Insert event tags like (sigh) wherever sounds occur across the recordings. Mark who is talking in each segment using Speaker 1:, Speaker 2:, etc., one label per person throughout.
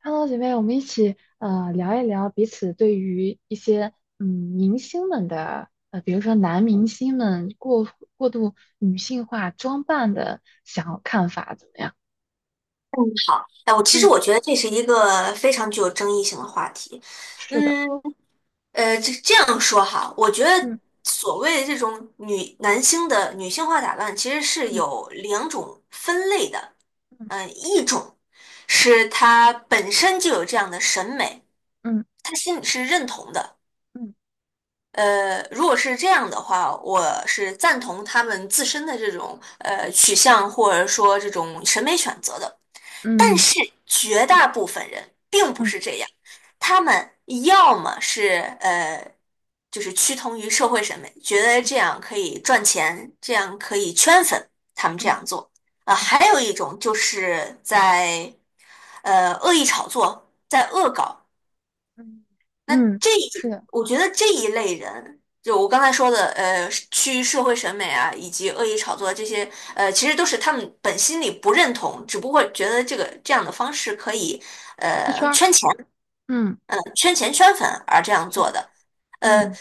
Speaker 1: Hello，姐妹，我们一起聊一聊彼此对于一些明星们的比如说男明星们过度女性化装扮的想看法怎么样？
Speaker 2: 哎，我其实
Speaker 1: 嗯。
Speaker 2: 我觉得这是一个非常具有争议性的话题。
Speaker 1: 是的。
Speaker 2: 嗯，这样说哈，我觉得
Speaker 1: 嗯
Speaker 2: 所谓的这种女男星的女性化打扮，其实是
Speaker 1: 嗯
Speaker 2: 有两种分类的。
Speaker 1: 嗯
Speaker 2: 一种是他本身就有这样的审美，
Speaker 1: 嗯
Speaker 2: 他心里是认同的。
Speaker 1: 嗯
Speaker 2: 如果是这样的话，我是赞同他们自身的这种取向或者说这种审美选择的。但
Speaker 1: 嗯
Speaker 2: 是绝大部分人并不
Speaker 1: 嗯
Speaker 2: 是这样，他们要么是就是趋同于社会审美，觉得这样可以赚钱，这样可以圈粉，他们这
Speaker 1: 嗯
Speaker 2: 样做。
Speaker 1: 嗯
Speaker 2: 还有一种就是在恶意炒作，在恶搞。
Speaker 1: 嗯，
Speaker 2: 那
Speaker 1: 嗯，
Speaker 2: 这
Speaker 1: 是
Speaker 2: 一，
Speaker 1: 的。
Speaker 2: 我觉得这一类人，就我刚才说的，呃，趋于社会审美啊，以及恶意炒作这些，其实都是他们本心里不认同，只不过觉得这样的方式可以，
Speaker 1: 出圈儿。
Speaker 2: 圈钱，
Speaker 1: 嗯。
Speaker 2: 嗯，圈钱圈粉而这样
Speaker 1: 是
Speaker 2: 做
Speaker 1: 的。
Speaker 2: 的。呃，
Speaker 1: 嗯。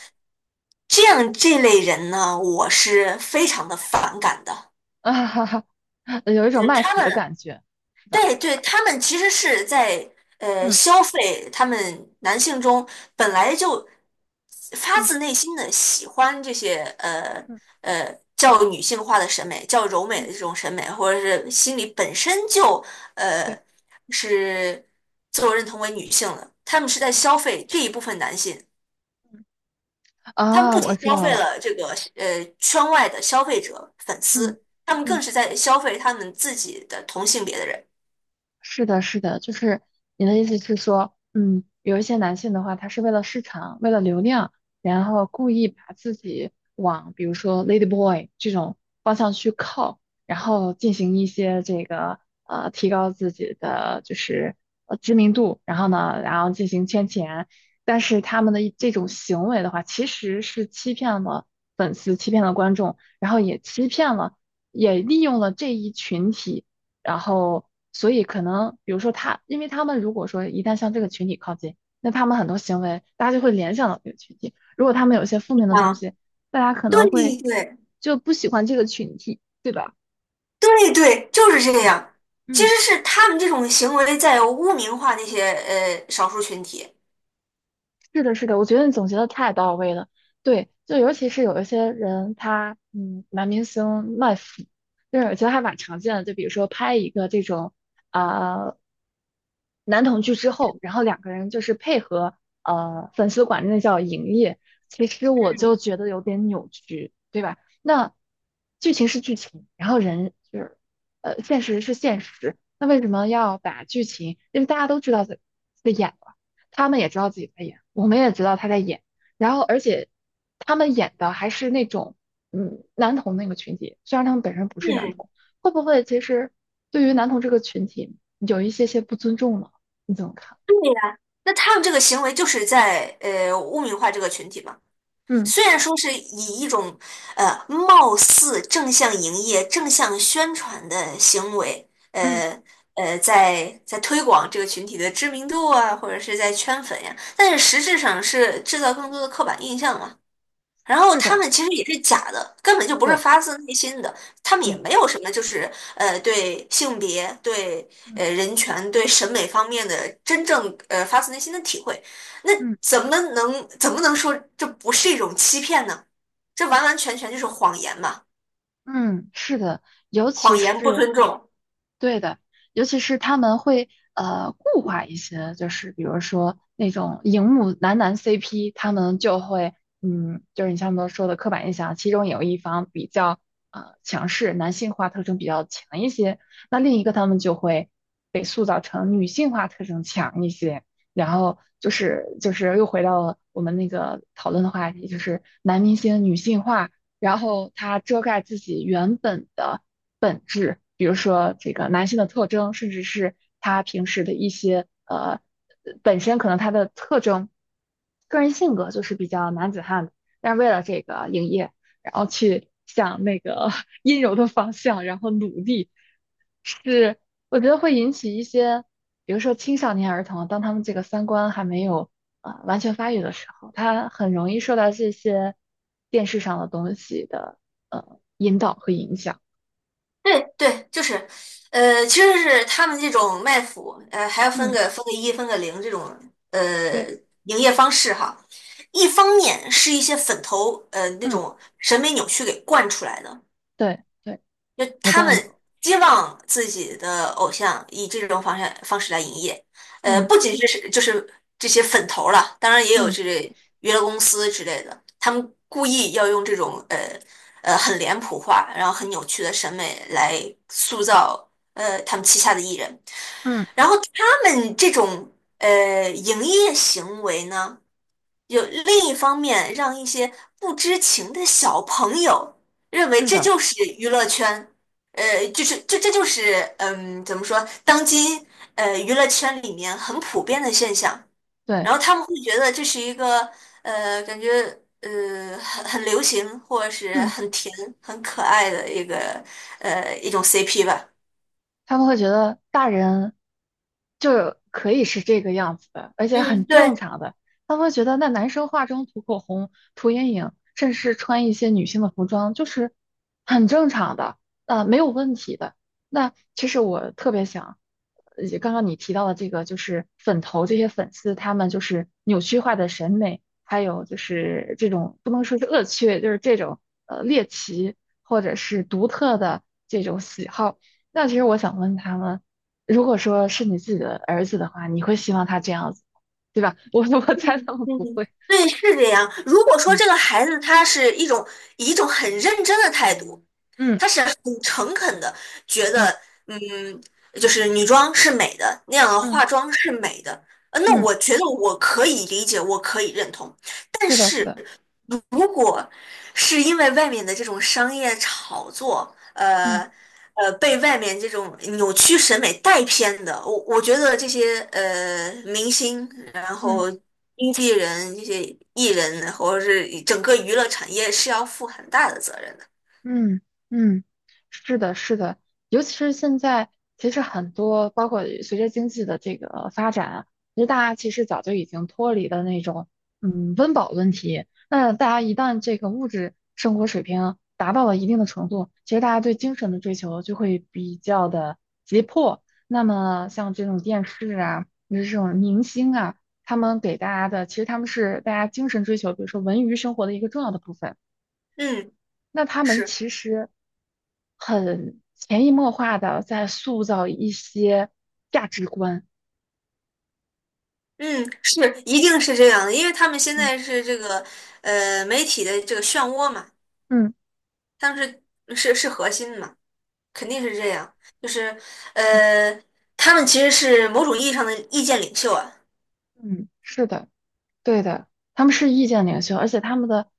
Speaker 2: 这样这类人呢，我是非常的反感的，
Speaker 1: 啊哈哈，(laughs) 有一种
Speaker 2: 对
Speaker 1: 卖
Speaker 2: 他
Speaker 1: 腐的
Speaker 2: 们。
Speaker 1: 感觉，是吧？
Speaker 2: 对对，他们其实是在
Speaker 1: 嗯
Speaker 2: 消费他们男性中本来就发自
Speaker 1: 嗯
Speaker 2: 内心的喜欢这些
Speaker 1: 嗯
Speaker 2: 较女性化的审美、较柔美
Speaker 1: 嗯，
Speaker 2: 的这种审美，或者是心里本身就
Speaker 1: 对。
Speaker 2: 呃是自我认同为女性的，他们是在消
Speaker 1: 嗯
Speaker 2: 费这一部分男性，
Speaker 1: 嗯。
Speaker 2: 他们
Speaker 1: 啊，
Speaker 2: 不
Speaker 1: 我
Speaker 2: 仅
Speaker 1: 知
Speaker 2: 消
Speaker 1: 道
Speaker 2: 费
Speaker 1: 了。
Speaker 2: 了这个圈外的消费者粉
Speaker 1: 嗯。
Speaker 2: 丝，他们
Speaker 1: 嗯，
Speaker 2: 更是在消费他们自己的同性别的人。
Speaker 1: 是的，是的，就是你的意思是说，有一些男性的话，他是为了市场，为了流量，然后故意把自己往比如说 lady boy 这种方向去靠，然后进行一些这个提高自己的就是知名度，然后呢，然后进行圈钱。但是他们的一这种行为的话，其实是欺骗了粉丝，欺骗了观众，然后也欺骗了，也利用了这一群体。然后所以可能比如说他，因为他们如果说一旦向这个群体靠近，那他们很多行为大家就会联想到这个群体。如果他们有一些负面的东
Speaker 2: 啊，
Speaker 1: 西，大家可能会
Speaker 2: 对对。
Speaker 1: 就不喜欢这个群体，对吧？
Speaker 2: 对对，就是这
Speaker 1: 嗯。
Speaker 2: 样。其
Speaker 1: 嗯。
Speaker 2: 实是他们这种行为在污名化那些少数群体。
Speaker 1: 是的，是的，我觉得你总结的太到位了。对，就尤其是有一些人，他男明星卖腐，就是我觉得还蛮常见的。就比如说拍一个这种啊、男同剧之后，然后两个人就是配合粉丝管那叫营业，其实我就
Speaker 2: 嗯
Speaker 1: 觉得有点扭曲，对吧？那剧情是剧情，然后人就是现实是现实，那为什么要把剧情？因为大家都知道在演了。他们也知道自己在演，我们也知道他在演，然后而且他们演的还是那种男童那个群体，虽然他们本身不是男
Speaker 2: 嗯，
Speaker 1: 童，会不会其实对于男童这个群体有一些些不尊重呢？你怎么看？
Speaker 2: 对呀，那他们这个行为就是在污名化这个群体嘛。
Speaker 1: 嗯。
Speaker 2: 虽然说是以一种貌似正向营业、正向宣传的行为，
Speaker 1: 嗯，
Speaker 2: 在推广这个群体的知名度啊，或者是在圈粉呀，但是实质上是制造更多的刻板印象嘛。然后
Speaker 1: 是
Speaker 2: 他
Speaker 1: 的，
Speaker 2: 们其实也是假的，根本就不是
Speaker 1: 对。
Speaker 2: 发自内心的，他们也没
Speaker 1: 嗯
Speaker 2: 有什么就是对性别、对
Speaker 1: 嗯
Speaker 2: 人权、对审美方面的真正发自内心的体会，那
Speaker 1: 嗯
Speaker 2: 怎么能说这不是一种欺骗呢？这完完全全就是谎言嘛，
Speaker 1: 嗯，是的，尤其
Speaker 2: 谎言不
Speaker 1: 是。
Speaker 2: 尊重。
Speaker 1: 对的，尤其是他们会固化一些，就是比如说那种荧幕男男 CP，他们就会就是你像我们说的刻板印象，其中有一方比较强势，男性化特征比较强一些，那另一个他们就会被塑造成女性化特征强一些，然后就是又回到了我们那个讨论的话题，就是男明星女性化，然后他遮盖自己原本的。比如说这个男性的特征，甚至是他平时的一些本身可能他的特征，个人性格就是比较男子汉的，但是为了这个营业，然后去向那个 (laughs) 阴柔的方向，然后努力，是我觉得会引起一些，比如说青少年儿童，当他们这个三观还没有完全发育的时候，他很容易受到这些电视上的东西的引导和影响。
Speaker 2: 对对，就是，呃，其实是他们这种卖腐，呃，还要分
Speaker 1: 嗯，
Speaker 2: 个分个一、分个零这种，呃，
Speaker 1: 对。
Speaker 2: 营业方式哈。一方面是一些粉头，呃，那
Speaker 1: 嗯。
Speaker 2: 种审美扭曲给惯出来的，
Speaker 1: 对对，
Speaker 2: 就
Speaker 1: 我
Speaker 2: 他
Speaker 1: 赞
Speaker 2: 们
Speaker 1: 同。
Speaker 2: 希望自己的偶像以这种方式来营业，呃，
Speaker 1: 嗯
Speaker 2: 不仅是就是这些粉头儿了，当然也有
Speaker 1: 嗯
Speaker 2: 这类娱乐公司之类的，他们故意要用这种很脸谱化，然后很扭曲的审美来塑造他们旗下的艺人，
Speaker 1: 嗯，
Speaker 2: 然后他们这种营业行为呢，有另一方面让一些不知情的小朋友认为
Speaker 1: 是
Speaker 2: 这
Speaker 1: 的，
Speaker 2: 就是娱乐圈，呃，就是这就是嗯，怎么说，当今娱乐圈里面很普遍的现象，
Speaker 1: 对。
Speaker 2: 然后他们会觉得这是一个感觉很流行或者是
Speaker 1: 嗯。
Speaker 2: 很甜很可爱的一种 CP 吧。
Speaker 1: 他们会觉得大人就可以是这个样子的，而且
Speaker 2: 嗯，
Speaker 1: 很正
Speaker 2: 对，
Speaker 1: 常的。他们会觉得那男生化妆、涂口红、涂眼影，甚至是穿一些女性的服装，就是很正常的，没有问题的。那其实我特别想，刚刚你提到的这个，就是粉头这些粉丝，他们就是扭曲化的审美，还有就是这种不能说是恶趣味，就是这种猎奇或者是独特的这种喜好。那其实我想问他们，如果说是你自己的儿子的话，你会希望他这样子，对吧？(laughs) 我猜他们不
Speaker 2: 嗯，
Speaker 1: 会。
Speaker 2: 对，是这样。如果说
Speaker 1: 嗯
Speaker 2: 这个孩子他是以一种很认真的态度
Speaker 1: 嗯
Speaker 2: 很诚恳的觉得，
Speaker 1: 嗯
Speaker 2: 嗯，就是女装是美的，那样的
Speaker 1: 嗯
Speaker 2: 化妆是美的，那
Speaker 1: 嗯，
Speaker 2: 我觉得我可以理解，我可以认同。但
Speaker 1: 是的，是
Speaker 2: 是
Speaker 1: 的。
Speaker 2: 如果是因为外面的这种商业炒作，
Speaker 1: 嗯
Speaker 2: 被外面这种扭曲审美带偏的，我觉得这些明星，然
Speaker 1: 嗯。
Speaker 2: 后经纪人、这些艺人，或者是整个娱乐产业是要负很大的责任的。
Speaker 1: 嗯嗯，是的，是的，尤其是现在，其实很多包括随着经济的这个发展啊，其实大家其实早就已经脱离了那种温饱问题。那大家一旦这个物质生活水平达到了一定的程度，其实大家对精神的追求就会比较的急迫。那么像这种电视啊，就是这种明星啊，他们给大家的，其实他们是大家精神追求，比如说文娱生活的一个重要的部分。
Speaker 2: 嗯，
Speaker 1: 那他们
Speaker 2: 是。
Speaker 1: 其实很潜移默化的在塑造一些价值观。
Speaker 2: 嗯，是，一定是这样的，因为他们现
Speaker 1: 嗯
Speaker 2: 在是这个媒体的这个漩涡嘛，
Speaker 1: 嗯
Speaker 2: 他们是核心嘛，肯定是这样，就是
Speaker 1: 嗯
Speaker 2: 呃他们其实是某种意义上的意见领袖啊，
Speaker 1: 嗯，是的，对的，他们是意见领袖，而且他们的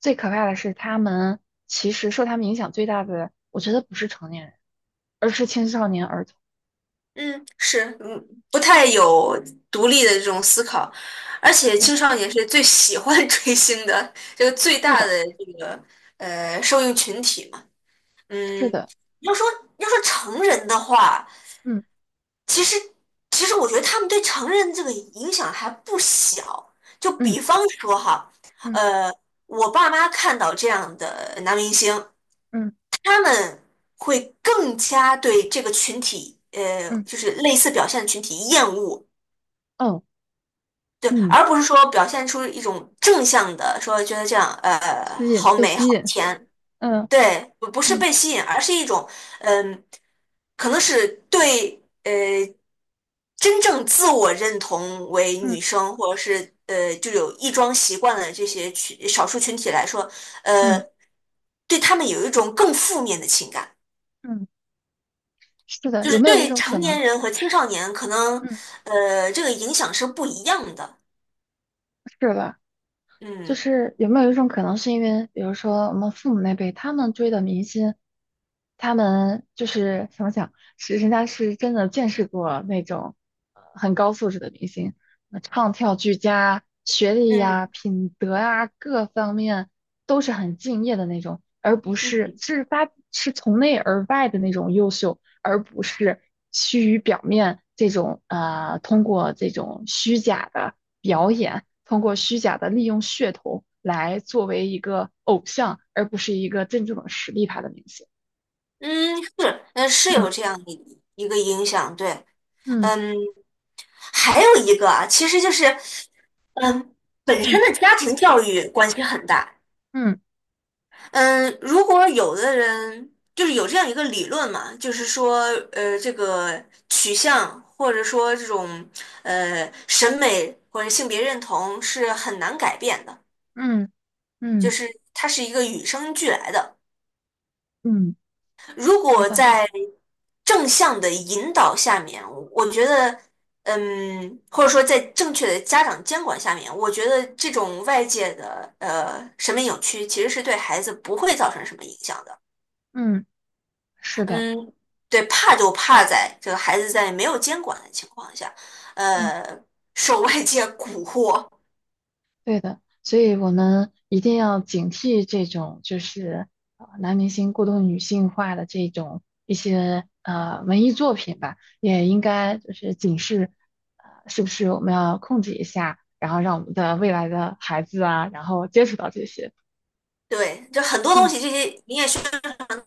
Speaker 1: 最可怕的是，他们其实受他们影响最大的，我觉得不是成年人，而是青少年儿童。
Speaker 2: 嗯，是，嗯，不太有独立的这种思考，而且
Speaker 1: 对，
Speaker 2: 青少年是最喜欢 (laughs) 追星的这个最
Speaker 1: 是
Speaker 2: 大
Speaker 1: 的，
Speaker 2: 的这个受众群体嘛，
Speaker 1: 是
Speaker 2: 嗯，
Speaker 1: 的。
Speaker 2: 要说要说成人的话。
Speaker 1: 嗯
Speaker 2: 其实，其实我觉得他们对成人这个影响还不小。就
Speaker 1: 嗯
Speaker 2: 比方说哈，
Speaker 1: 嗯
Speaker 2: 呃，我爸妈看到这样的男明星，
Speaker 1: 嗯
Speaker 2: 他们会更加对这个群体，呃，
Speaker 1: 嗯
Speaker 2: 就是类似表现的群体厌恶，
Speaker 1: 嗯
Speaker 2: 对，
Speaker 1: 嗯，
Speaker 2: 而不是说表现出一种正向的，说觉得这样，呃，
Speaker 1: 吸引，
Speaker 2: 好
Speaker 1: 被
Speaker 2: 美好
Speaker 1: 吸引。
Speaker 2: 甜。
Speaker 1: 嗯。
Speaker 2: 对，不不是
Speaker 1: 嗯
Speaker 2: 被吸引，而是一种，嗯，可能是对真正自我认同为女
Speaker 1: 嗯
Speaker 2: 生，或者是就有异装习惯的这些群少数群体来说，
Speaker 1: 嗯
Speaker 2: 呃，对他们有一种更负面的情感，
Speaker 1: 嗯是的，
Speaker 2: 就
Speaker 1: 有
Speaker 2: 是
Speaker 1: 没有一
Speaker 2: 对
Speaker 1: 种可
Speaker 2: 成
Speaker 1: 能？
Speaker 2: 年人和青少年可能
Speaker 1: 嗯。
Speaker 2: 这个影响是不一样的。
Speaker 1: 是吧？就
Speaker 2: 嗯
Speaker 1: 是有没有一种可能，是因为比如说我们父母那辈，他们追的明星，他们就是怎么讲，是人家是真的见识过那种很高素质的明星，唱跳俱佳，学历
Speaker 2: 嗯
Speaker 1: 呀、品德呀、各方面都是很敬业的那种，而不是
Speaker 2: 嗯
Speaker 1: 是发是从内而外的那种优秀，而不是趋于表面这种通过这种虚假的。表演，通过虚假的利用噱头来作为一个偶像，而不是一个真正的实力派的明星。
Speaker 2: 嗯，是，是有
Speaker 1: 嗯
Speaker 2: 这样一个影响，对，
Speaker 1: 嗯
Speaker 2: 嗯。还有一个啊，其实就是，嗯，本身
Speaker 1: 嗯
Speaker 2: 的家庭教育关系很大。
Speaker 1: 嗯
Speaker 2: 嗯，如果有的人就是有这样一个理论嘛，就是说，呃，这个取向或者说这种审美或者性别认同是很难改变的，
Speaker 1: 嗯
Speaker 2: 就
Speaker 1: 嗯
Speaker 2: 是它是一个与生俱来的。
Speaker 1: 嗯。
Speaker 2: 如
Speaker 1: 我
Speaker 2: 果
Speaker 1: 赞同。
Speaker 2: 在正向的引导下面，我觉得，嗯，或者说在正确的家长监管下面，我觉得这种外界的审美扭曲其实是对孩子不会造成什么影响的。
Speaker 1: 嗯，是的。
Speaker 2: 嗯，对，怕就怕在这个孩子在没有监管的情况下，
Speaker 1: 嗯。
Speaker 2: 呃，受外界蛊惑。
Speaker 1: 对的，所以我们一定要警惕这种就是男明星过度女性化的这种一些文艺作品吧，也应该就是警示，是不是我们要控制一下，然后让我们的未来的孩子啊，然后接触到这些。
Speaker 2: 对，就很多东
Speaker 1: 嗯。
Speaker 2: 西，这些你也需要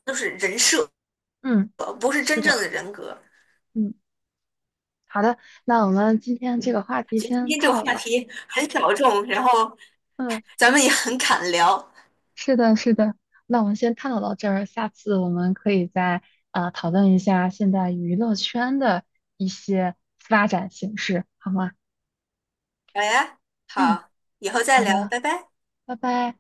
Speaker 2: 都是人设，
Speaker 1: 嗯，
Speaker 2: 不是
Speaker 1: 是
Speaker 2: 真正
Speaker 1: 的，
Speaker 2: 的人格。
Speaker 1: 嗯，好的，那我们今天这个话题
Speaker 2: 觉得今
Speaker 1: 先
Speaker 2: 天这
Speaker 1: 探
Speaker 2: 个
Speaker 1: 讨
Speaker 2: 话
Speaker 1: 了。
Speaker 2: 题很小众，然后
Speaker 1: 嗯。
Speaker 2: 咱们也很敢聊。
Speaker 1: 是的，是的。那我们先探讨到这儿，下次我们可以再讨论一下现在娱乐圈的一些发展形势，好吗？
Speaker 2: 哎，
Speaker 1: 嗯，
Speaker 2: 好，以后再
Speaker 1: 好
Speaker 2: 聊，
Speaker 1: 的，
Speaker 2: 拜拜。
Speaker 1: 拜拜。